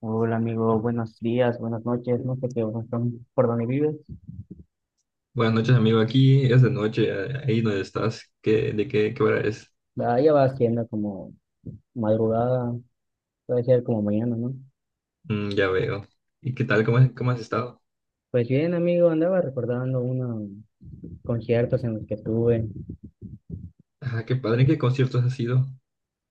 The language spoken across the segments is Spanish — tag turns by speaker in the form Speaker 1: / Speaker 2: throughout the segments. Speaker 1: Hola amigo, buenos días, buenas noches, no sé qué horas son, por dónde vives.
Speaker 2: Buenas noches, amigo. Aquí es de noche, ahí donde estás. ¿De qué hora es?
Speaker 1: Ah, ya va siendo como madrugada, puede ser como mañana, ¿no?
Speaker 2: Mm, ya veo. ¿Y qué tal? ¿ Cómo has estado?
Speaker 1: Pues bien amigo, andaba recordando unos conciertos en los que estuve.
Speaker 2: Ah, qué padre. ¿En qué conciertos has ido?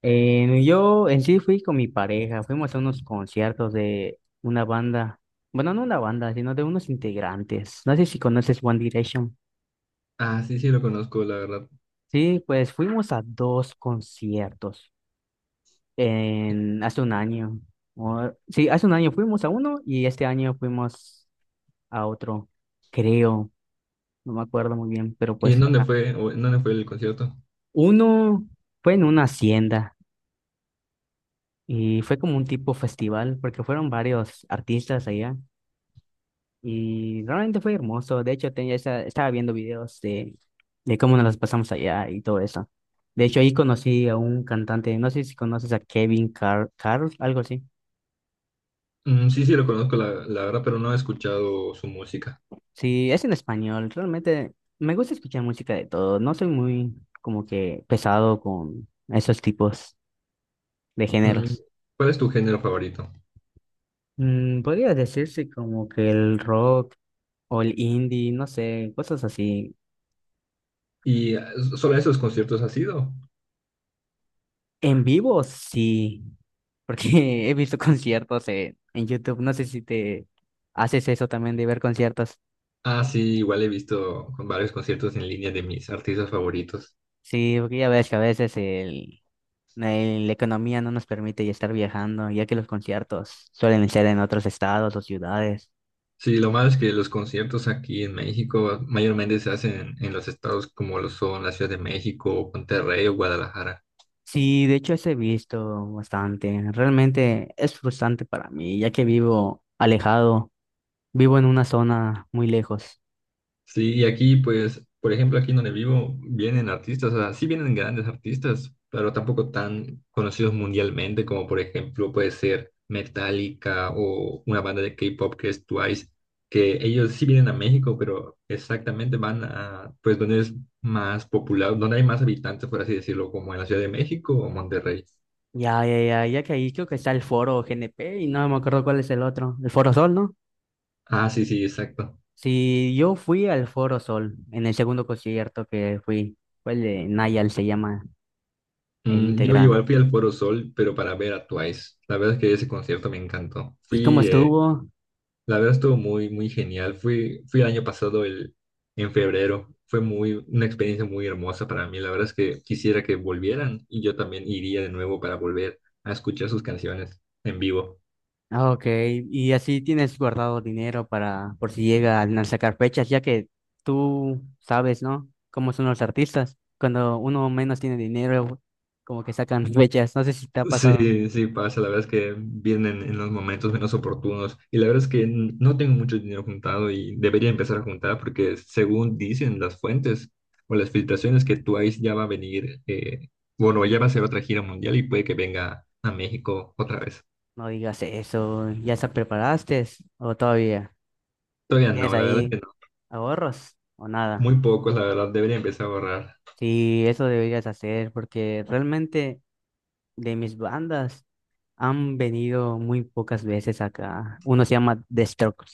Speaker 1: Yo en sí fui con mi pareja, fuimos a unos conciertos de una banda, bueno, no una banda, sino de unos integrantes. No sé si conoces One Direction.
Speaker 2: Ah, sí, sí, lo conozco, la verdad.
Speaker 1: Sí, pues fuimos a dos conciertos. En, hace un año. Sí, hace un año fuimos a uno y este año fuimos a otro, creo, no me acuerdo muy bien, pero
Speaker 2: ¿Y en
Speaker 1: pues
Speaker 2: dónde fue, o en dónde fue el concierto?
Speaker 1: uno fue en una hacienda y fue como un tipo festival porque fueron varios artistas allá y realmente fue hermoso. De hecho, estaba viendo videos de cómo nos las pasamos allá y todo eso. De hecho, ahí conocí a un cantante, no sé si conoces a Kevin Car Carl, algo así.
Speaker 2: Mm, sí, sí, lo conozco, la verdad, pero no he escuchado su música.
Speaker 1: Sí, es en español. Realmente me gusta escuchar música de todo. No soy muy como que pesado con esos tipos de
Speaker 2: Mm,
Speaker 1: géneros.
Speaker 2: ¿cuál es tu género favorito?
Speaker 1: Mm, podría decirse como que el rock o el indie, no sé, cosas así.
Speaker 2: ¿ Solo a esos conciertos has ido?
Speaker 1: En vivo, sí, porque he visto conciertos en YouTube. No sé si te haces eso también de ver conciertos.
Speaker 2: Ah, sí, igual he visto con varios conciertos en línea de mis artistas favoritos.
Speaker 1: Sí, porque ya ves que a veces la economía no nos permite ya estar viajando, ya que los conciertos suelen ser en otros estados o ciudades.
Speaker 2: Sí, lo malo es que los conciertos aquí en México mayormente se hacen en los estados como lo son la Ciudad de México, Monterrey o Guadalajara.
Speaker 1: Sí, de hecho, eso he visto bastante. Realmente es frustrante para mí, ya que vivo alejado, vivo en una zona muy lejos.
Speaker 2: Sí, y aquí pues, por ejemplo, aquí donde vivo, vienen artistas, o sea, sí vienen grandes artistas, pero tampoco tan conocidos mundialmente como por ejemplo puede ser Metallica o una banda de K-pop que es Twice, que ellos sí vienen a México, pero exactamente van a pues donde es más popular, donde hay más habitantes, por así decirlo, como en la Ciudad de México o Monterrey.
Speaker 1: Ya, ya, ya, ya que ahí creo que está el foro GNP y no me acuerdo cuál es el otro. El Foro Sol, ¿no?
Speaker 2: Ah, sí, sí, exacto.
Speaker 1: Sí, yo fui al Foro Sol en el segundo concierto que fui. Fue el de Nayal, se llama el
Speaker 2: Mm, yo
Speaker 1: integrante.
Speaker 2: igual fui al Foro Sol, pero para ver a Twice. La verdad es que ese concierto me encantó.
Speaker 1: ¿Y cómo
Speaker 2: Fui,
Speaker 1: estuvo?
Speaker 2: la verdad estuvo muy, muy genial. Fui el año pasado, en febrero. Fue muy, una experiencia muy hermosa para mí. La verdad es que quisiera que volvieran y yo también iría de nuevo para volver a escuchar sus canciones en vivo.
Speaker 1: Ah, ok. Y así tienes guardado dinero para por si llegan a sacar fechas, ya que tú sabes, ¿no? Cómo son los artistas. Cuando uno menos tiene dinero, como que sacan fechas. No sé si te ha pasado.
Speaker 2: Sí, sí pasa, la verdad es que vienen en los momentos menos oportunos y la verdad es que no tengo mucho dinero juntado y debería empezar a juntar porque según dicen las fuentes o las filtraciones que Twice ya va a venir, bueno, ya va a hacer otra gira mundial y puede que venga a México otra vez.
Speaker 1: No digas eso. ¿Ya se preparaste o todavía
Speaker 2: Todavía
Speaker 1: tienes
Speaker 2: no, la verdad es
Speaker 1: ahí
Speaker 2: que no,
Speaker 1: ahorros o nada?
Speaker 2: muy pocos, la verdad, debería empezar a ahorrar.
Speaker 1: Sí, eso deberías hacer porque realmente de mis bandas han venido muy pocas veces acá. Uno se llama The Strokes.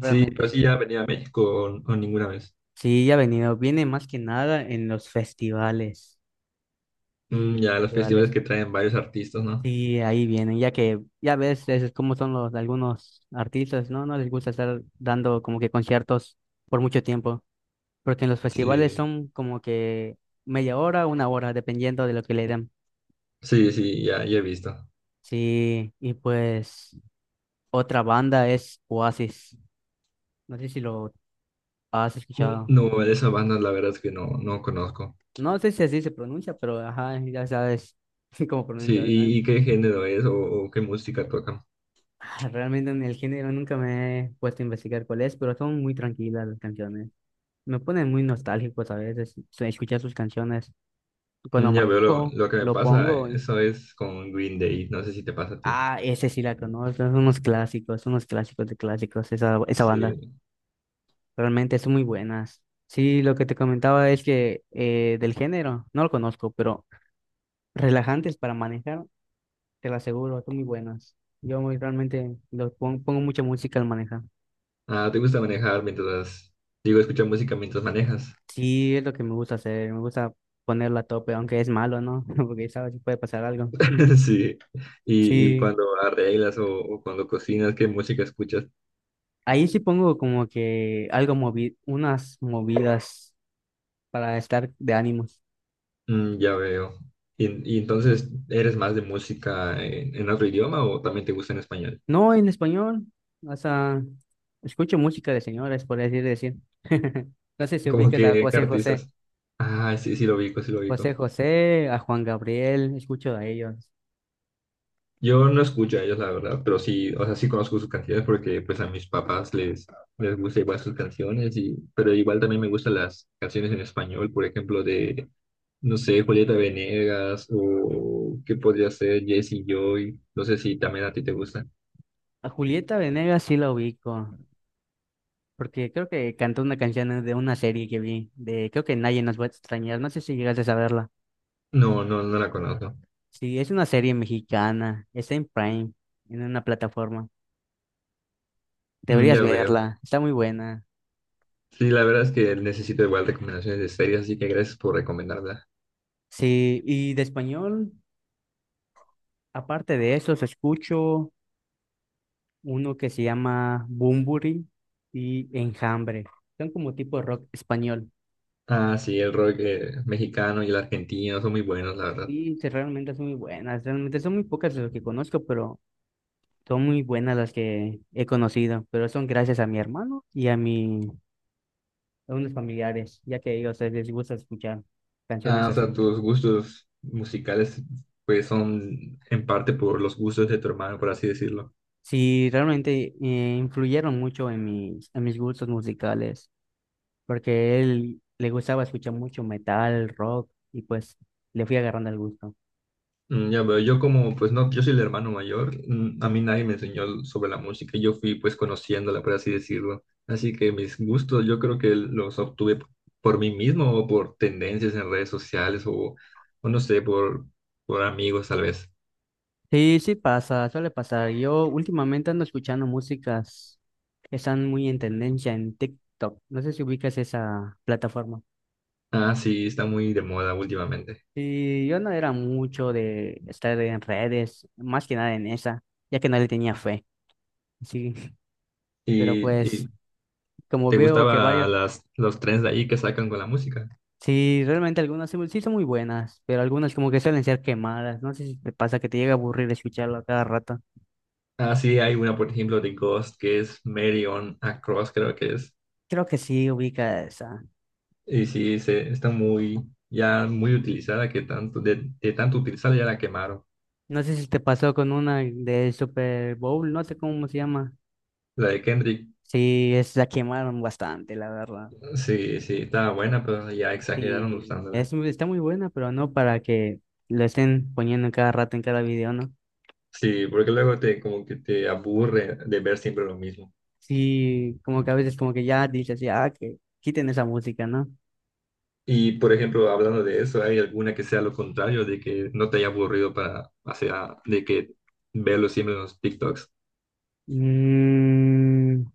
Speaker 2: Sí, pero sí ya venía a México o ninguna vez.
Speaker 1: Sí, ha venido. Viene más que nada en los festivales. Sí,
Speaker 2: Mm, ya los festivales
Speaker 1: festivales.
Speaker 2: que traen varios artistas, ¿no?
Speaker 1: Sí, ahí vienen, ya que ya ves es como son los algunos artistas, ¿no? No les gusta estar dando como que conciertos por mucho tiempo, porque en los festivales
Speaker 2: Sí,
Speaker 1: son como que media hora, una hora, dependiendo de lo que le den.
Speaker 2: sí, sí, ya, ya he visto.
Speaker 1: Sí, y pues otra banda es Oasis. No sé si lo has escuchado.
Speaker 2: No, de esa banda la verdad es que no, no conozco.
Speaker 1: No sé si así se pronuncia, pero ajá, ya sabes cómo
Speaker 2: Sí,
Speaker 1: pronunciar.
Speaker 2: ¿ y qué género es o qué música toca?
Speaker 1: Ah, realmente en el género nunca me he puesto a investigar cuál es, pero son muy tranquilas las canciones. Me ponen muy nostálgicos a veces escuchar sus canciones. Cuando
Speaker 2: Mm, ya veo
Speaker 1: manejo,
Speaker 2: lo que me
Speaker 1: lo
Speaker 2: pasa,
Speaker 1: pongo y...
Speaker 2: eso es con Green Day, no sé si te pasa a ti.
Speaker 1: Ah, ese sí la conozco, son unos clásicos de clásicos, esa banda.
Speaker 2: Sí.
Speaker 1: Realmente son muy buenas. Sí, lo que te comentaba es que del género, no lo conozco, pero relajantes para manejar, te lo aseguro, son muy buenas. Realmente pongo mucha música al manejar.
Speaker 2: Ah, ¿te gusta manejar mientras, digo, escuchar música mientras manejas?
Speaker 1: Sí, es lo que me gusta hacer, me gusta ponerla a tope, aunque es malo, ¿no? Porque sabes si puede pasar algo.
Speaker 2: Sí. Y
Speaker 1: Sí,
Speaker 2: cuando arreglas o cuando cocinas, ¿qué música escuchas?
Speaker 1: ahí sí pongo como que algo movi unas movidas para estar de ánimos.
Speaker 2: Mm, ya veo. Y entonces, ¿eres más de música en otro idioma o también te gusta en español?
Speaker 1: No en español, o sea, escucho música de señores, por así decir. No sé si
Speaker 2: Como
Speaker 1: ubicas a
Speaker 2: que, ¿qué
Speaker 1: José José,
Speaker 2: artistas? Ah, sí, sí lo ubico, sí lo
Speaker 1: José
Speaker 2: ubico.
Speaker 1: José, a Juan Gabriel, escucho a ellos.
Speaker 2: Yo no escucho a ellos, la verdad, pero sí, o sea, sí conozco sus canciones porque pues a mis papás les gusta igual sus canciones, y, pero igual también me gustan las canciones en español, por ejemplo, de, no sé, Julieta Venegas o qué podría ser Jesse Joy, no sé si también a ti te gusta.
Speaker 1: A Julieta Venegas sí la ubico, porque creo que cantó una canción de una serie que vi, de creo que Nadie nos va a extrañar, no sé si llegaste a saberla.
Speaker 2: No, no, no la conozco.
Speaker 1: Sí, es una serie mexicana, está en Prime, en una plataforma.
Speaker 2: Mm,
Speaker 1: Deberías
Speaker 2: ya veo.
Speaker 1: verla, está muy buena.
Speaker 2: Sí, la verdad es que necesito igual recomendaciones de series, así que gracias por recomendarla.
Speaker 1: Sí, y de español, aparte de esos, escucho uno que se llama Bunbury y Enjambre. Son como tipo rock español.
Speaker 2: Ah, sí, el rock mexicano y el argentino son muy buenos, la verdad.
Speaker 1: Y sí, realmente son muy buenas, realmente son muy pocas de lo que conozco, pero son muy buenas las que he conocido, pero son gracias a mi hermano y a unos familiares, ya que ellos les gusta escuchar canciones
Speaker 2: Ah, o sea,
Speaker 1: así.
Speaker 2: tus gustos musicales pues son en parte por los gustos de tu hermano, por así decirlo.
Speaker 1: Sí, realmente influyeron mucho en en mis gustos musicales, porque él le gustaba escuchar mucho metal, rock, y pues le fui agarrando el gusto.
Speaker 2: Mm, ya veo, yo como pues no, yo soy el hermano mayor, mm, a mí nadie me enseñó sobre la música, yo fui pues conociéndola, por así decirlo. Así que mis gustos yo creo que los obtuve por mí mismo o por tendencias en redes sociales o no sé, por amigos tal vez.
Speaker 1: Sí, sí pasa, suele pasar. Yo últimamente ando escuchando músicas que están muy en tendencia en TikTok. No sé si ubicas esa plataforma.
Speaker 2: Ah, sí, está muy de moda últimamente.
Speaker 1: Y yo no era mucho de estar en redes, más que nada en esa, ya que no le tenía fe. Sí, pero
Speaker 2: ¿Y,
Speaker 1: pues
Speaker 2: y
Speaker 1: como
Speaker 2: te
Speaker 1: veo que
Speaker 2: gustaba
Speaker 1: varias,
Speaker 2: los trends de ahí que sacan con la música?
Speaker 1: sí, realmente algunas sí, sí son muy buenas, pero algunas como que suelen ser quemadas. No sé si te pasa que te llega a aburrir escucharlo a cada rato.
Speaker 2: Ah, sí, hay una, por ejemplo, de Ghost, que es Mary on a Cross, creo que es.
Speaker 1: Creo que sí ubica esa.
Speaker 2: Y sí, se, está muy, ya muy utilizada, que tanto, de tanto utilizarla ya la quemaron.
Speaker 1: No sé si te pasó con una de Super Bowl, no sé cómo se llama.
Speaker 2: La de Kendrick,
Speaker 1: Sí, es, la quemaron bastante, la verdad.
Speaker 2: sí, sí, estaba buena, pero ya exageraron
Speaker 1: Sí,
Speaker 2: usándola.
Speaker 1: es, está muy buena, pero no para que lo estén poniendo en cada rato, en cada video, ¿no?
Speaker 2: Sí, porque luego te, como que te aburre de ver siempre lo mismo.
Speaker 1: Sí, como que a veces como que ya dices, ya, que quiten esa música, ¿no?
Speaker 2: Y, por ejemplo, hablando de eso, ¿hay alguna que sea lo contrario, de que no te haya aburrido para, o sea, de que verlo siempre en los TikToks?
Speaker 1: Mm,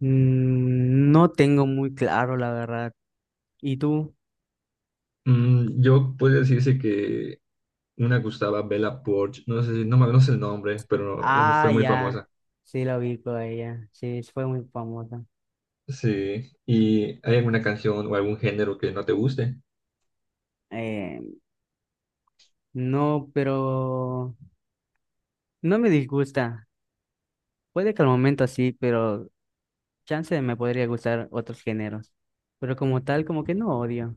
Speaker 1: mm, no tengo muy claro, la verdad. ¿Y tú?
Speaker 2: Mm, yo puedo decirse que una que usaba Bella Poarch, no sé, si- no, me- no sé el nombre, pero no-
Speaker 1: Ah,
Speaker 2: fue muy
Speaker 1: ya.
Speaker 2: famosa.
Speaker 1: Sí, la ubico a ella. Sí, fue muy famosa.
Speaker 2: Sí, ¿y hay alguna canción o algún género que no te guste?
Speaker 1: Eh, no, pero no me disgusta. Puede que al momento sí, pero chance me podría gustar otros géneros. Pero como tal, como que no odio.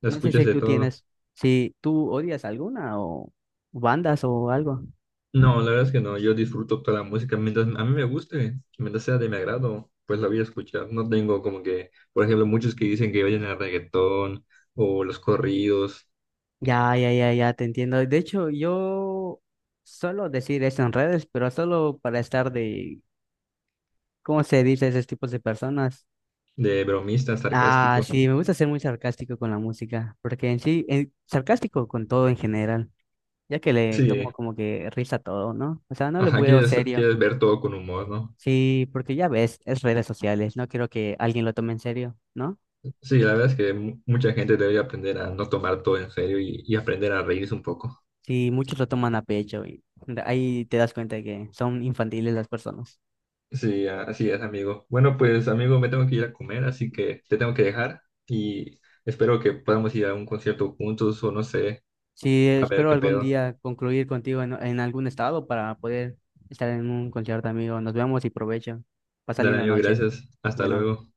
Speaker 2: ¿La
Speaker 1: No sé
Speaker 2: escuchas
Speaker 1: si
Speaker 2: de
Speaker 1: tú
Speaker 2: todo?
Speaker 1: tienes, si tú odias alguna o bandas o algo.
Speaker 2: No, la verdad es que no, yo disfruto toda la música mientras a mí me guste, mientras sea de mi agrado, pues la voy a escuchar. No tengo como que, por ejemplo, muchos que dicen que oyen el reggaetón o los corridos
Speaker 1: Ya, ya, ya, ya, te entiendo. De hecho, yo suelo decir eso en redes, pero solo para estar de, ¿cómo se dice a esos tipos de personas?
Speaker 2: de bromista
Speaker 1: Ah,
Speaker 2: sarcástico.
Speaker 1: sí, me gusta ser muy sarcástico con la música, porque en sí, sarcástico con todo en general, ya que le tomo
Speaker 2: Sí,
Speaker 1: como que risa a todo, ¿no? O sea, no le
Speaker 2: ajá,
Speaker 1: veo
Speaker 2: quieres,
Speaker 1: serio.
Speaker 2: quieres ver todo con humor, ¿no?
Speaker 1: Sí, porque ya ves, es redes sociales, no quiero que alguien lo tome en serio, ¿no?
Speaker 2: Sí, la verdad es que mucha gente debería aprender a no tomar todo en serio y aprender a reírse un poco.
Speaker 1: Sí, muchos lo toman a pecho y ahí te das cuenta de que son infantiles las personas.
Speaker 2: Sí, así es, amigo. Bueno, pues, amigo, me tengo que ir a comer, así que te tengo que dejar y espero que podamos ir a un concierto juntos o no sé,
Speaker 1: Sí,
Speaker 2: a ver
Speaker 1: espero
Speaker 2: qué
Speaker 1: algún
Speaker 2: pedo.
Speaker 1: día concluir contigo en algún estado para poder estar en un concierto, amigo. Nos vemos y provecho. Pasa
Speaker 2: Dale,
Speaker 1: linda
Speaker 2: amigo,
Speaker 1: noche.
Speaker 2: gracias. Hasta
Speaker 1: Bueno.
Speaker 2: luego.